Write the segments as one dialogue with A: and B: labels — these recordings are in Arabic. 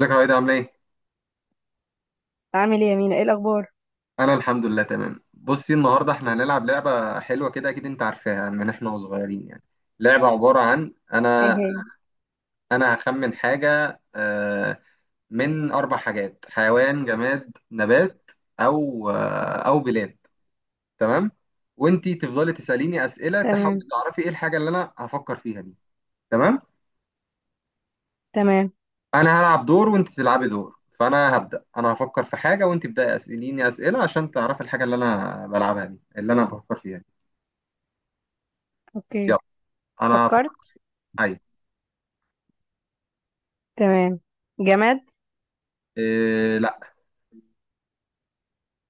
A: ازيك يا عايدة، عاملة ايه؟
B: عامل ايه يا مينا؟ ايه الاخبار؟
A: أنا الحمد لله تمام. بصي، النهاردة احنا هنلعب لعبة حلوة كده، أكيد أنت عارفاها من احنا وصغيرين يعني. لعبة عبارة عن أنا
B: اهي.
A: أنا هخمن حاجة، من أربع حاجات: حيوان، جماد، نبات، أو بلاد. تمام؟ وأنتي تفضلي تسأليني أسئلة تحاولي
B: تمام
A: تعرفي ايه الحاجة اللي أنا هفكر فيها دي. تمام؟
B: تمام.
A: أنا هلعب دور وأنت تلعبي دور، فأنا هبدأ أنا هفكر في حاجة وأنت تبدأي أسأليني أسئلة عشان تعرفي الحاجة اللي أنا بلعبها دي اللي أنا بفكر فيها. يلا.
B: اوكي،
A: انا ف...
B: فكرت.
A: اي.
B: تمام. جماد.
A: إيه، لا.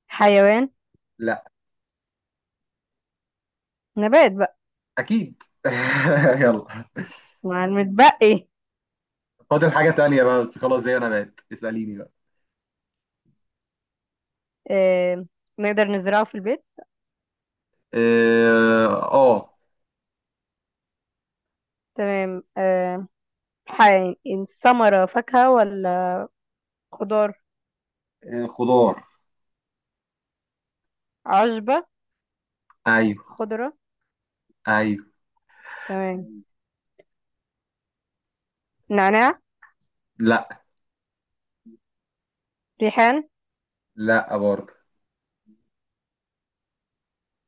B: حيوان.
A: لا.
B: نبات بقى
A: اكيد. يلا.
B: مع المتبقي.
A: فاضل حاجة تانية بقى، بس خلاص، زي انا بقت اسأليني بقى.
B: آه. نقدر نزرعه في البيت.
A: إيه، اه.
B: تمام. حي... ثمرة، فاكهة ولا خضار؟
A: إيه، خضار.
B: عشبة.
A: ايوه.
B: خضرة.
A: ايوه.
B: تمام. نعناع.
A: لا.
B: ريحان.
A: لا برضه.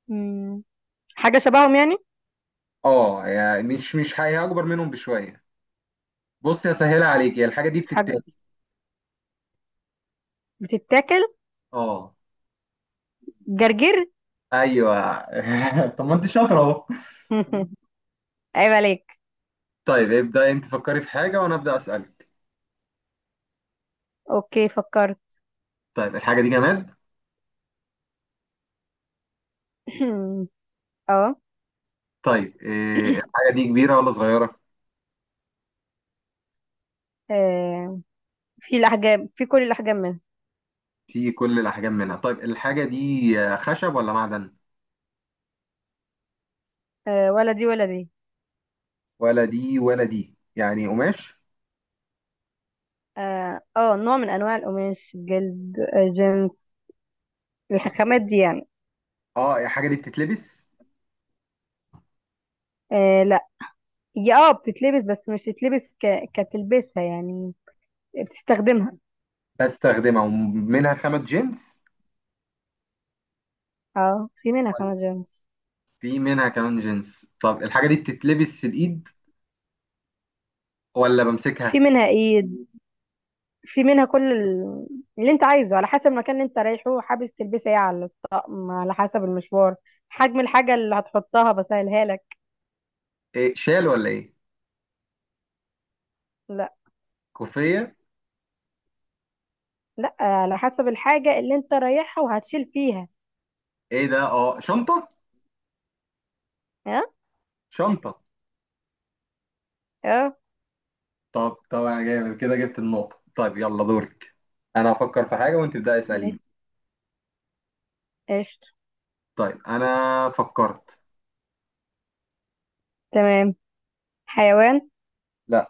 B: مم. حاجة شبههم يعني؟
A: اه، يعني مش حاجة اكبر منهم بشوية. بص يا سهلة عليك، هي الحاجة دي بتتاكل.
B: حاجة بتتاكل؟
A: اه.
B: جرجير.
A: ايوه. طب ما انت شاطرة اهو.
B: عيب عليك.
A: طيب ابدأ انت، فكري في حاجة وانا ابدأ اسألك.
B: اوكي، فكرت.
A: طيب الحاجة دي جماد؟
B: اه.
A: طيب إيه، الحاجة دي كبيرة ولا صغيرة؟
B: آه. في الأحجام، في كل الأحجام منها.
A: فيه كل الأحجام منها. طيب الحاجة دي خشب ولا معدن؟
B: آه، ولا دي ولا دي.
A: ولا دي ولا دي، يعني قماش؟
B: اه، نوع من أنواع القماش، جلد، آه، جنس
A: أوكي.
B: الخامات دي يعني.
A: اه، الحاجة دي بتتلبس؟
B: آه لا، هي اه بتتلبس بس مش تتلبس كتلبسها يعني، بتستخدمها.
A: بستخدمها ومنها خامة جنس
B: اه، في منها
A: ولا؟
B: خامات جنس.
A: في منها كمان جنس. طب الحاجة دي بتتلبس في الإيد ولا
B: في
A: بمسكها؟
B: منها ايد، في منها اللي انت عايزه، على حسب المكان اللي انت رايحه حابس تلبسها ايه، على الطقم، على حسب المشوار، حجم الحاجة اللي هتحطها بسهلها لك.
A: إيه، شال ولا إيه؟
B: لا.
A: كوفية؟
B: لا، على حسب الحاجة اللي انت رايحها وهتشيل فيها.
A: إيه ده، شنطة؟
B: ها.
A: شنطة.
B: اه.
A: طب طبعا جامد كده، جبت النقطة. طيب يلا دورك. أنا هفكر في حاجة وأنت تبدأي اسأليني.
B: مش قشطة.
A: طيب أنا فكرت.
B: تمام. حيوان.
A: لا.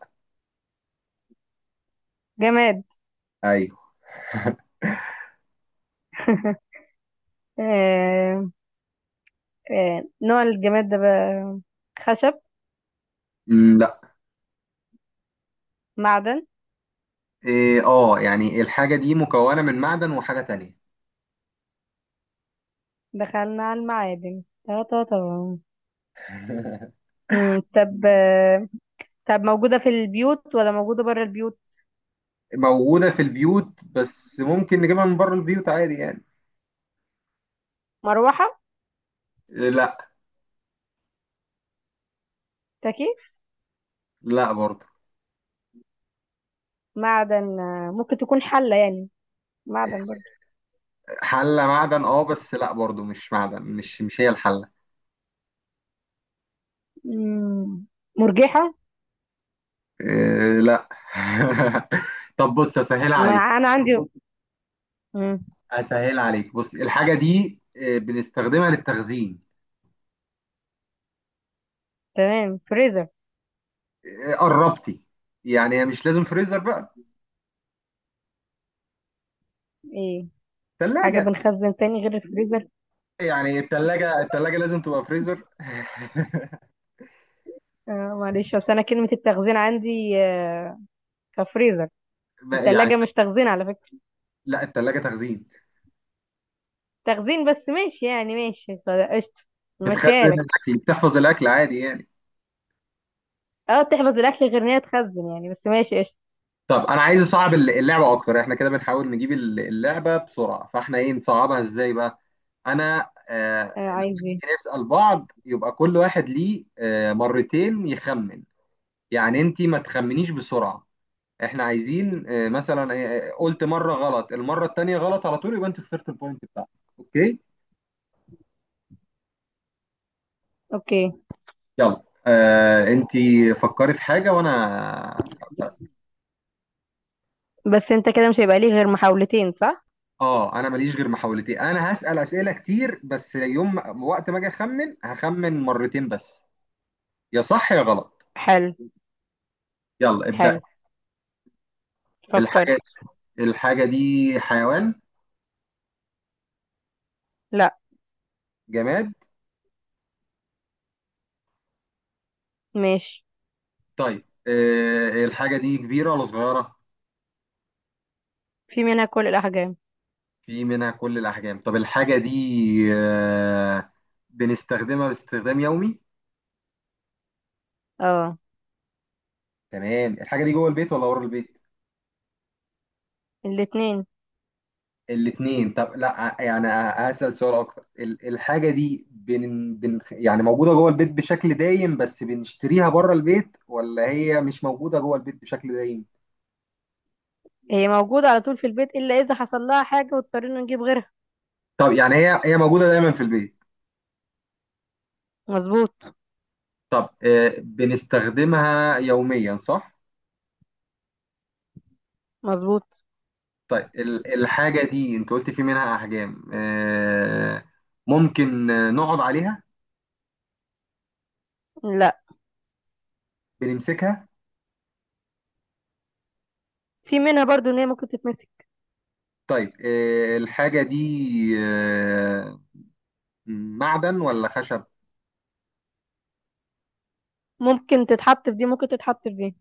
B: جماد.
A: أيوه.
B: آه، نوع الجماد ده بقى، خشب، معدن.
A: إيه، اه، يعني الحاجة دي مكونة من معدن وحاجة تانية.
B: دخلنا على المعادن تا تا تا. طب، طب موجودة في البيوت ولا موجودة بره البيوت؟
A: موجودة في البيوت، بس ممكن نجيبها من بره البيوت عادي يعني.
B: مروحة.
A: إيه، لا.
B: تكييف.
A: لا برضه.
B: معدن، ممكن تكون حلة يعني، معدن برضه.
A: حلة معدن، اه، بس لا برضه، مش معدن، مش هي الحلة.
B: مم، مرجحة.
A: إيه، لا. طب بص اسهل
B: ما
A: عليك.
B: أنا عندي. مم،
A: اسهل عليك، بص الحاجة دي، إيه، بنستخدمها للتخزين.
B: تمام، فريزر.
A: إيه، قربتي. يعني هي مش لازم فريزر بقى.
B: إيه؟ حاجة
A: تلاجة.
B: بنخزن تاني غير الفريزر؟
A: يعني التلاجة، التلاجة لازم تبقى فريزر؟
B: آه. معلش، اصل انا كلمة التخزين عندي آه كفريزر.
A: يعني
B: التلاجة مش تخزين على فكرة.
A: لا، التلاجة تخزين.
B: تخزين بس ماشي يعني، ماشي خلاص، قشطة. ماشيها
A: بتخزن
B: لك.
A: الاكل، بتحفظ الاكل عادي يعني.
B: اه تحفظ الاكل، غير ان هي تخزن يعني، بس ماشي قشطة.
A: طب انا عايز اصعب اللعبه اكتر، احنا كده بنحاول نجيب اللعبه بسرعه، فاحنا ايه نصعبها ازاي بقى. انا
B: آه،
A: لما
B: عايز
A: نيجي
B: ايه؟
A: نسال بعض يبقى كل واحد ليه مرتين يخمن. يعني انت ما تخمنيش بسرعه. احنا عايزين مثلا، قلت مره غلط، المره التانيه غلط على طول، يبقى انت خسرت البوينت بتاعتك. اوكي.
B: اوكي.
A: يلا انت فكري في حاجه وانا،
B: بس انت كده مش هيبقى ليه غير محاولتين، صح؟
A: اه انا ماليش غير محاولتين، انا هسأل اسئله كتير، بس يوم ما- وقت ما اجي اخمن هخمن مرتين بس، يا صح يا غلط.
B: حلو.
A: يلا ابدأ.
B: حلو. فكرت.
A: الحاجه الحاجه دي حيوان؟
B: لا.
A: جماد؟
B: ماشي.
A: طيب آه الحاجه دي كبيره ولا صغيره؟
B: في منها كل الاحجام.
A: في منها كل الاحجام. طب الحاجه دي آه بنستخدمها باستخدام يومي؟
B: اه.
A: تمام، الحاجه دي جوه البيت ولا بره البيت؟
B: الاتنين.
A: الاثنين. طب لا يعني، اسال سؤال اكتر. الحاجه دي بن بن يعني موجوده جوه البيت بشكل دايم بس بنشتريها بره البيت، ولا هي مش موجوده جوه البيت بشكل دايم؟
B: هي موجودة على طول في البيت، الا اذا حصل لها حاجة واضطرينا نجيب غيرها.
A: طب يعني هي موجوده دايما في البيت.
B: مظبوط.
A: طب بنستخدمها يوميا صح؟
B: مظبوط.
A: طيب الحاجه دي، انت قلت في منها احجام، ممكن نقعد عليها؟
B: لا.
A: بنمسكها؟
B: في منها برضو ان هي ممكن تتمسك.
A: طيب الحاجه دي آه، معدن ولا خشب؟
B: ممكن تتحط في دي، ممكن تتحط في دي.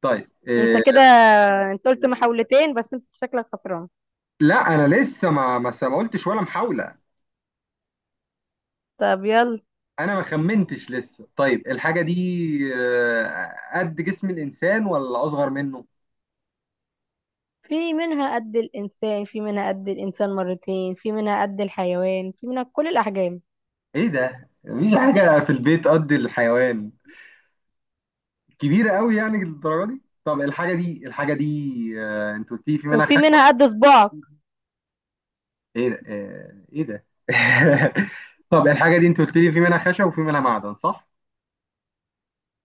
A: طيب
B: انت كده، انت قلت محاولتين بس انت شكلك خسران.
A: لا انا لسه ما قلتش ولا محاوله.
B: طب يلا.
A: انا ما خمنتش لسه. طيب الحاجه دي قد جسم الانسان ولا اصغر منه؟
B: في منها قد الانسان، في منها قد الانسان مرتين، في منها قد الحيوان، في منها كل الاحجام.
A: ايه ده، مفيش حاجه في البيت قد الحيوان كبيره قوي يعني للدرجه دي. طب الحاجه دي انت قلت لي في منها
B: وفي
A: خشب.
B: منها قد صباعك.
A: ايه ده، ايه ده. طب الحاجه دي انت قلت لي في منها خشب وفي منها معدن، صح؟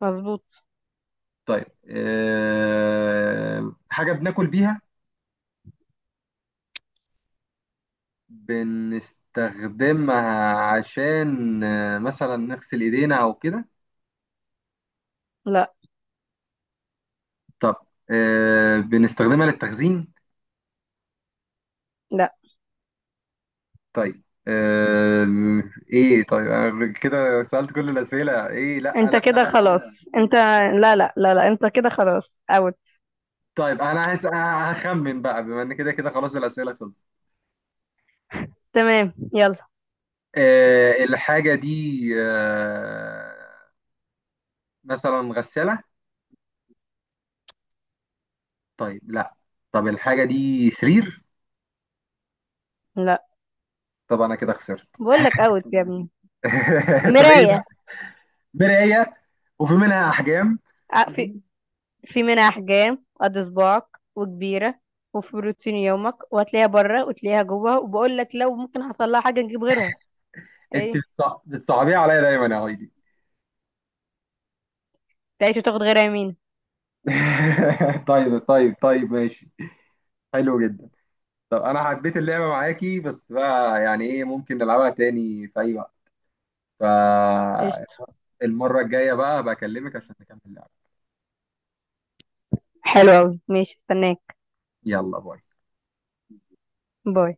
B: مظبوط.
A: طيب حاجه بناكل بيها؟ بنستخدمها عشان مثلا نغسل ايدينا او كده؟
B: لا
A: طب بنستخدمها للتخزين؟
B: لا
A: طيب آه، ايه، طيب أنا كده سألت كل الأسئلة. ايه، لا
B: انت
A: لا.
B: كده خلاص انت، لا لا لا لا، انت كده خلاص اوت.
A: طيب انا هخمن بقى، بما ان كده كده خلاص الأسئلة خلصت.
B: تمام يلا.
A: الحاجة دي مثلا غسالة؟ طيب لا. طب الحاجة دي سرير؟
B: لا.
A: طب انا كده خسرت.
B: بقول لك اوت يا ابني.
A: طب ايه بقى؟
B: مراية.
A: مراية. وفي منها احجام.
B: اه، في، في منها أحجام قد صباعك، وكبيرة، وفي بروتين يومك، وهتلاقيها بره وتلاقيها جوه، وبقول لك لو ممكن حصل لها حاجة نجيب غيرها.
A: انت
B: ايه.
A: بتصعبيها عليا دايما يا هايدي.
B: تعيش وتاخد غيرها، يمين.
A: طيب طيب طيب ماشي. حلو جدا. طب انا حبيت اللعبه معاكي، بس بقى يعني، ايه، ممكن نلعبها تاني في اي وقت؟
B: قشطة.
A: فالمره الجايه بقى بكلمك عشان نكمل اللعبه.
B: حلو أوي، ماشي، استناك.
A: يلا باي.
B: باي.